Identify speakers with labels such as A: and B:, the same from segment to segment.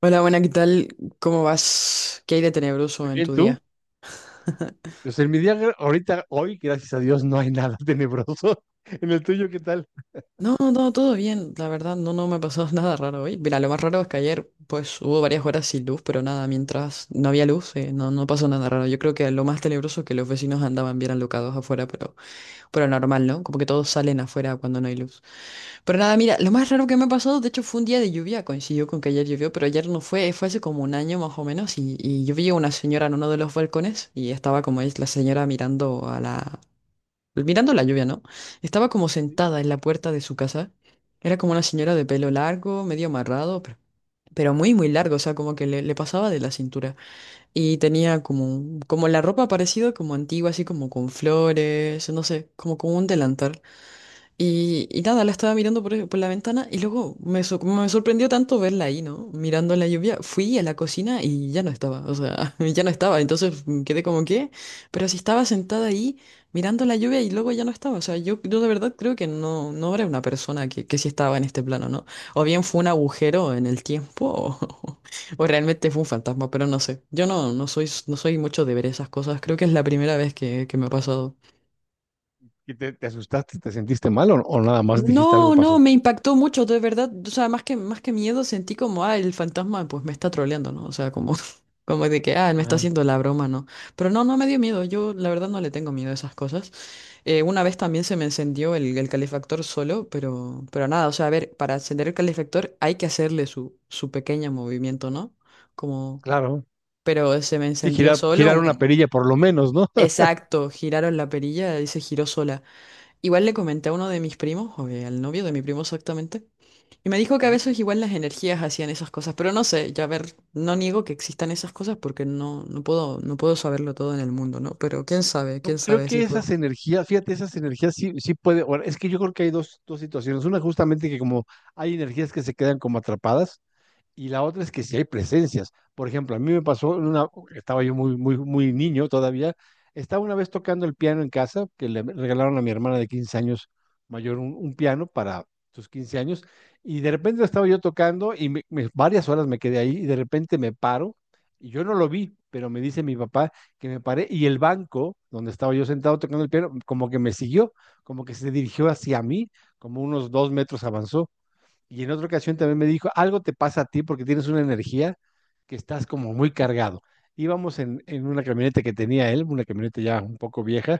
A: Hola, buena, ¿qué tal? ¿Cómo vas? ¿Qué hay de
B: Muy
A: tenebroso en
B: bien,
A: tu
B: ¿tú?
A: día?
B: Pues en mi día, ahorita, hoy, gracias a Dios, no hay nada tenebroso. En el tuyo, ¿qué tal?
A: No, no, todo bien, la verdad, no, no me ha pasado nada raro hoy. Mira, lo más raro es que ayer, pues, hubo varias horas sin luz, pero nada, mientras no había luz, no, no pasó nada raro. Yo creo que lo más tenebroso es que los vecinos andaban bien alocados afuera, pero normal, ¿no? Como que todos salen afuera cuando no hay luz. Pero nada, mira, lo más raro que me ha pasado, de hecho, fue un día de lluvia, coincidió con que ayer llovió, pero ayer no fue, fue hace como un año más o menos, y yo vi a una señora en uno de los balcones, y estaba como es la señora mirando a mirando la lluvia, ¿no? Estaba como sentada en la puerta de su casa, era como una señora de pelo largo, medio amarrado, pero muy, muy largo, o sea, como que le pasaba de la cintura, y tenía como, como la ropa parecida como antigua, así como con flores, no sé, como con un delantal. Y nada, la estaba mirando por la ventana y luego me sorprendió tanto verla ahí, ¿no? Mirando la lluvia. Fui a la cocina y ya no estaba, o sea, ya no estaba. Entonces quedé como que, pero si estaba sentada ahí mirando la lluvia y luego ya no estaba. O sea, yo de verdad creo que no, no era una persona que sí estaba en este plano, ¿no? O bien fue un agujero en el tiempo o, o realmente fue un fantasma, pero no sé. Yo no, no soy, no soy mucho de ver esas cosas. Creo que es la primera vez que me ha pasado.
B: ¿Y te asustaste, te sentiste mal o nada más dijiste algo
A: No, no,
B: pasó?
A: me impactó mucho, de verdad. O sea, más que miedo sentí como, ah, el fantasma pues me está troleando, ¿no? O sea, como, como de que, ah, me está
B: Ajá,
A: haciendo la broma, ¿no? Pero no, no me dio miedo. Yo la verdad no le tengo miedo a esas cosas. Una vez también se me encendió el calefactor solo, pero nada, o sea, a ver, para encender el calefactor hay que hacerle su pequeño movimiento, ¿no? Como,
B: claro.
A: pero se me
B: Sí,
A: encendió
B: girar,
A: solo.
B: girar una perilla por lo menos, ¿no?
A: Exacto, giraron la perilla y se giró sola. Igual le comenté a uno de mis primos, o al novio de mi primo exactamente. Y me dijo que a
B: Ujú.
A: veces igual las energías hacían esas cosas, pero no sé, ya a ver, no niego que existan esas cosas porque no, no puedo, no puedo saberlo todo en el mundo, ¿no? Pero quién
B: Yo creo
A: sabe
B: que
A: si fue.
B: esas energías, fíjate, esas energías sí, sí puede, bueno, es que yo creo que hay dos situaciones. Una justamente que como hay energías que se quedan como atrapadas, y la otra es que si hay presencias. Por ejemplo, a mí me pasó, estaba yo muy, muy, muy niño todavía, estaba una vez tocando el piano en casa, que le regalaron a mi hermana de 15 años mayor un piano para sus 15 años, y de repente estaba yo tocando y varias horas me quedé ahí y de repente me paro, y yo no lo vi, pero me dice mi papá que me paré y el banco donde estaba yo sentado tocando el piano, como que me siguió, como que se dirigió hacia mí, como unos 2 metros avanzó. Y en otra ocasión también me dijo, algo te pasa a ti porque tienes una energía que estás como muy cargado. Íbamos en una camioneta que tenía él, una camioneta ya un poco vieja,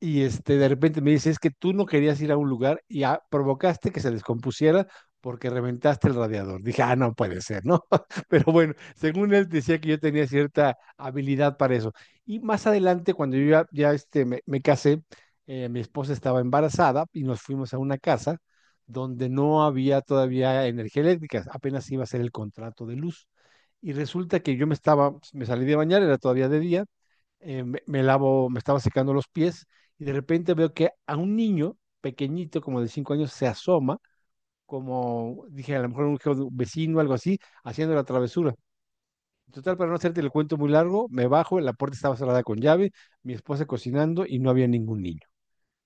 B: y este, de repente me dice, es que tú no querías ir a un lugar y ah, provocaste que se descompusiera porque reventaste el radiador. Dije, ah, no puede ser, ¿no? Pero bueno, según él decía que yo tenía cierta habilidad para eso. Y más adelante, cuando yo ya este, me casé. Mi esposa estaba embarazada y nos fuimos a una casa donde no había todavía energía eléctrica, apenas iba a ser el contrato de luz. Y resulta que yo me salí de bañar, era todavía de día. Me lavo, me estaba secando los pies y de repente veo que a un niño pequeñito, como de 5 años, se asoma, como dije, a lo mejor un vecino, algo así, haciendo la travesura. Total, para no hacerte el cuento muy largo, me bajo, la puerta estaba cerrada con llave, mi esposa cocinando y no había ningún niño.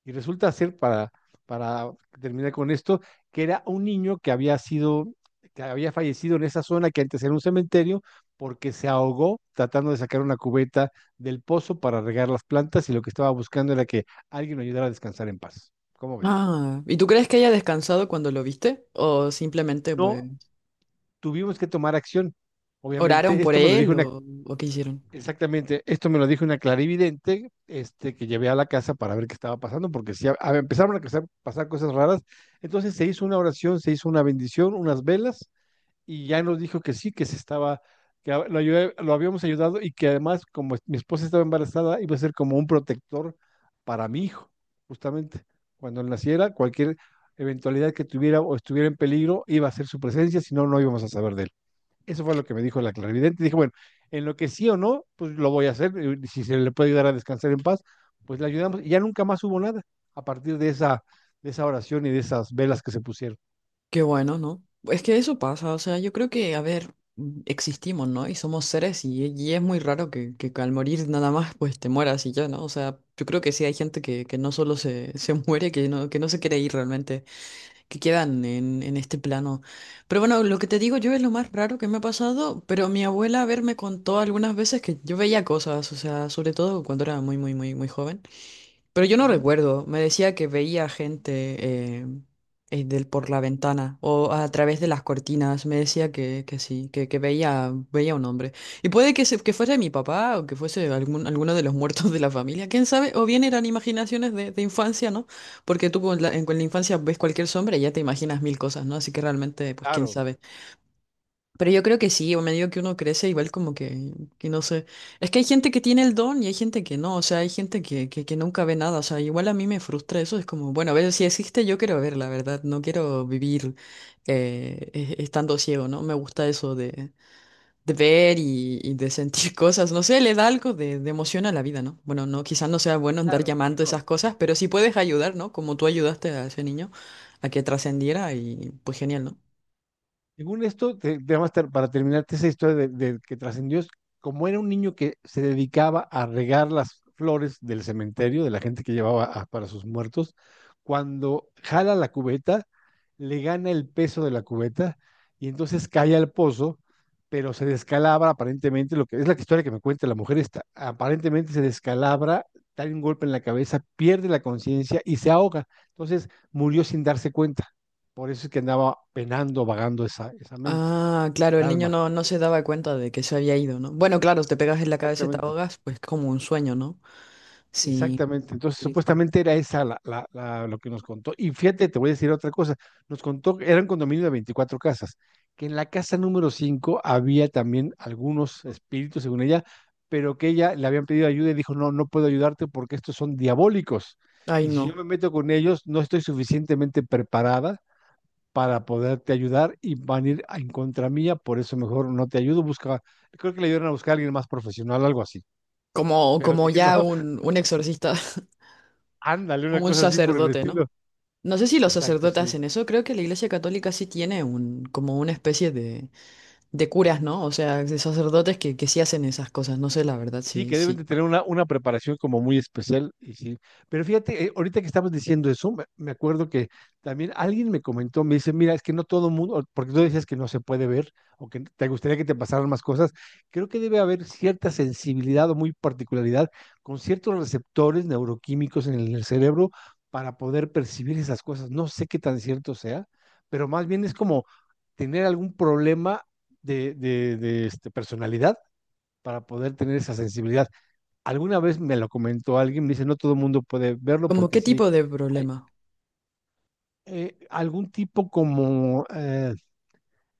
B: Y resulta ser, para terminar con esto, que era un niño que había sido, que había fallecido en esa zona que antes era un cementerio, porque se ahogó tratando de sacar una cubeta del pozo para regar las plantas y lo que estaba buscando era que alguien lo ayudara a descansar en paz. ¿Cómo ves?
A: Ah, ¿y tú crees que haya descansado cuando lo viste? ¿O simplemente, pues,
B: No tuvimos que tomar acción.
A: oraron
B: Obviamente,
A: por
B: esto me lo
A: él
B: dijo una
A: o qué hicieron?
B: Exactamente, esto me lo dijo una clarividente, este, que llevé a la casa para ver qué estaba pasando, porque si empezaron a pasar cosas raras. Entonces se hizo una oración, se hizo una bendición, unas velas, y ya nos dijo que sí, que lo habíamos ayudado y que además, como mi esposa estaba embarazada, iba a ser como un protector para mi hijo, justamente. Cuando él naciera, cualquier eventualidad que tuviera o estuviera en peligro, iba a ser su presencia, si no, no íbamos a saber de él. Eso fue lo que me dijo la clarividente. Dije, bueno, en lo que sí o no, pues lo voy a hacer. Y si se le puede ayudar a descansar en paz, pues le ayudamos. Y ya nunca más hubo nada a partir de esa oración y de esas velas que se pusieron.
A: Qué bueno, ¿no? Es que eso pasa, o sea, yo creo que, a ver, existimos, ¿no? Y somos seres y es muy raro que al morir nada más, pues, te mueras y ya, ¿no? O sea, yo creo que sí hay gente que no solo se, se muere, que no se quiere ir realmente. Que quedan en este plano. Pero bueno, lo que te digo yo es lo más raro que me ha pasado, pero mi abuela a ver me contó algunas veces que yo veía cosas, o sea, sobre todo cuando era muy, muy, muy, muy joven. Pero yo no
B: Ujú.
A: recuerdo. Me decía que veía gente eh, por la ventana o a través de las cortinas. Me decía que sí, que veía, veía un hombre. Y puede que, que fuese mi papá o que fuese algún, alguno de los muertos de la familia. ¿Quién sabe? O bien eran imaginaciones de infancia, ¿no? Porque tú con con la infancia ves cualquier sombra y ya te imaginas mil cosas, ¿no? Así que realmente, pues quién
B: Claro,
A: sabe. Pero yo creo que sí, o medio que uno crece igual como que no sé. Es que hay gente que tiene el don y hay gente que no, o sea, hay gente que nunca ve nada, o sea, igual a mí me frustra eso, es como, bueno, a ver, si existe yo quiero ver, la verdad, no quiero vivir estando ciego, ¿no? Me gusta eso de ver y de sentir cosas, no sé, le da algo de emoción a la vida, ¿no? Bueno, no, quizás no sea bueno andar
B: claro, sí,
A: llamando
B: no,
A: esas cosas, pero si puedes ayudar, ¿no? Como tú ayudaste a ese niño a que trascendiera y pues genial, ¿no?
B: según esto, además, para terminarte esa historia de que trascendió, es como era un niño que se dedicaba a regar las flores del cementerio, de la gente que llevaba para sus muertos, cuando jala la cubeta, le gana el peso de la cubeta y entonces cae al pozo, pero se descalabra aparentemente, lo que es la historia que me cuenta la mujer esta, aparentemente se descalabra, da un golpe en la cabeza, pierde la conciencia y se ahoga. Entonces murió sin darse cuenta. Por eso es que andaba penando, vagando esa mente,
A: Ah, claro, el
B: esa
A: niño
B: alma.
A: no, no se daba cuenta de que se había ido, ¿no? Bueno, claro, si te pegas en la cabeza y te
B: Exactamente,
A: ahogas, pues como un sueño, ¿no? Sí,
B: exactamente.
A: qué
B: Entonces,
A: triste.
B: supuestamente era esa lo que nos contó. Y fíjate, te voy a decir otra cosa. Nos contó que era un condominio de 24 casas, que en la casa número 5 había también algunos espíritus, según ella, pero que ella le habían pedido ayuda y dijo, no, no puedo ayudarte porque estos son diabólicos.
A: Ay,
B: Y si yo
A: no.
B: me meto con ellos, no estoy suficientemente preparada para poderte ayudar y van a ir en contra mía, por eso mejor no te ayudo, busca, creo que le dieron a buscar a alguien más profesional, algo así,
A: Como,
B: pero
A: como
B: dije,
A: ya
B: no,
A: un exorcista
B: ándale,
A: o
B: una
A: un
B: cosa así por el
A: sacerdote, ¿no?
B: estilo.
A: No sé si los
B: Exacto,
A: sacerdotes
B: sí.
A: hacen eso, creo que la Iglesia Católica sí tiene un, como una especie de curas, ¿no? O sea, de sacerdotes que sí hacen esas cosas, no sé la verdad,
B: Sí,
A: sí,
B: que deben
A: sí.
B: de tener una preparación como muy especial. Y sí. Pero fíjate, ahorita que estabas diciendo eso, me acuerdo que también alguien me comentó, me dice, mira, es que no todo mundo, porque tú decías que no se puede ver o que te gustaría que te pasaran más cosas, creo que debe haber cierta sensibilidad o muy particularidad con ciertos receptores neuroquímicos en el cerebro para poder percibir esas cosas. No sé qué tan cierto sea, pero más bien es como tener algún problema de este, personalidad para poder tener esa sensibilidad. Alguna vez me lo comentó alguien, me dice, no todo el mundo puede verlo
A: ¿Como
B: porque
A: qué
B: sí,
A: tipo de
B: hay
A: problema?
B: algún tipo como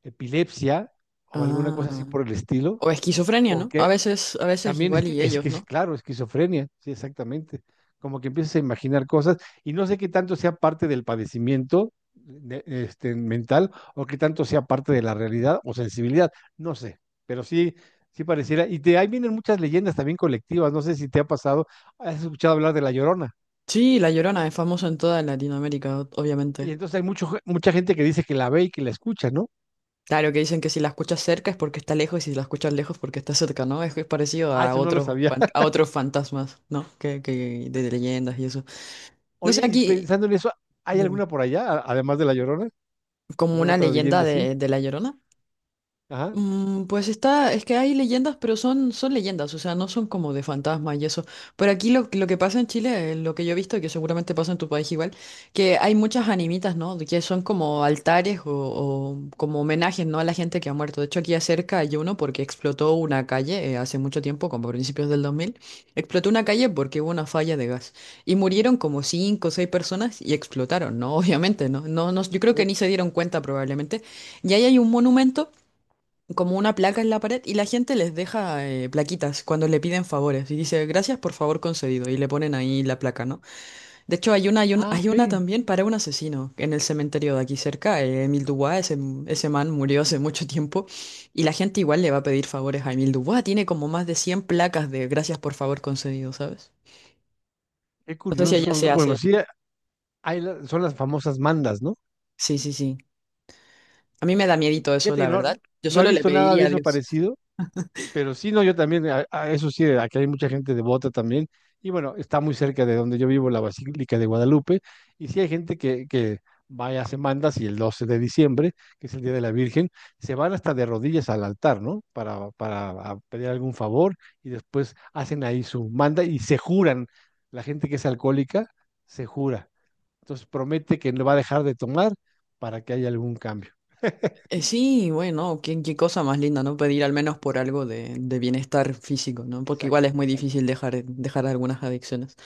B: epilepsia o alguna cosa así
A: Ah.
B: por el estilo,
A: O esquizofrenia, ¿no?
B: porque
A: A veces
B: también es
A: igual
B: que
A: y
B: es
A: ellos,
B: que es
A: ¿no?
B: claro, esquizofrenia, sí, exactamente, como que empiezas a imaginar cosas y no sé qué tanto sea parte del padecimiento este, mental o qué tanto sea parte de la realidad o sensibilidad, no sé, pero sí. Sí pareciera, y de ahí vienen muchas leyendas también colectivas, no sé si te ha pasado, has escuchado hablar de La Llorona.
A: Sí, La Llorona es famosa en toda Latinoamérica,
B: Y
A: obviamente.
B: entonces hay mucha gente que dice que la ve y que la escucha, ¿no?
A: Claro que dicen que si la escuchas cerca es porque está lejos y si la escuchas lejos porque está cerca, ¿no? Es que es parecido
B: Ah,
A: a
B: eso no lo
A: otros
B: sabía.
A: a otros fantasmas, ¿no? Que de leyendas y eso. No
B: Oye,
A: sé,
B: y
A: aquí
B: pensando en eso, ¿hay
A: dime,
B: alguna por allá, además de La Llorona?
A: como
B: ¿Alguna
A: una
B: otra leyenda
A: leyenda
B: así?
A: de La Llorona.
B: Ajá.
A: Pues está, es que hay leyendas, pero son, son leyendas, o sea, no son como de fantasmas y eso. Por aquí lo que pasa en Chile, lo que yo he visto, que seguramente pasa en tu país igual, que hay muchas animitas, ¿no? Que son como altares o como homenajes, ¿no? A la gente que ha muerto. De hecho, aquí acerca hay uno porque explotó una calle hace mucho tiempo, como a principios del 2000. Explotó una calle porque hubo una falla de gas. Y murieron como cinco o seis personas y explotaron, ¿no? Obviamente, ¿no? No, no, yo creo que
B: Oh,
A: ni se dieron cuenta probablemente. Y ahí hay un monumento como una placa en la pared y la gente les deja plaquitas cuando le piden favores y dice gracias por favor concedido y le ponen ahí la placa, ¿no? De hecho hay una,
B: ah,
A: hay
B: ok.
A: una también para un asesino en el cementerio de aquí cerca, Emile Dubois, ese man murió hace mucho tiempo y la gente igual le va a pedir favores a Emile Dubois, tiene como más de 100 placas de gracias por favor concedido, ¿sabes?
B: Qué
A: No sé si allá se
B: curioso. Bueno,
A: hace.
B: sí, son las famosas mandas, ¿no?
A: Sí, sí, sí. A mí me da miedito eso,
B: Fíjate
A: la
B: que
A: verdad.
B: no,
A: Yo
B: no he
A: solo le
B: visto nada de
A: pediría a
B: eso
A: Dios.
B: parecido, pero sí, no, yo también, a eso sí, aquí hay mucha gente devota también. Y bueno, está muy cerca de donde yo vivo, la Basílica de Guadalupe. Y sí hay gente que va y hace mandas y el 12 de diciembre, que es el Día de la Virgen, se van hasta de rodillas al altar, ¿no? Para a pedir algún favor y después hacen ahí su manda y se juran. La gente que es alcohólica se jura. Entonces promete que no va a dejar de tomar para que haya algún cambio.
A: Sí, bueno, qué, qué cosa más linda, ¿no? Pedir al menos por algo de bienestar físico, ¿no? Porque igual es
B: Exacto,
A: muy
B: exacto.
A: difícil dejar, dejar algunas adicciones.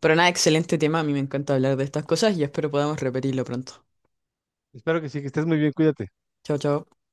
A: Pero nada, excelente tema, a mí me encanta hablar de estas cosas y espero podamos repetirlo pronto.
B: Espero que sí, que estés muy bien, cuídate.
A: Chao, chao.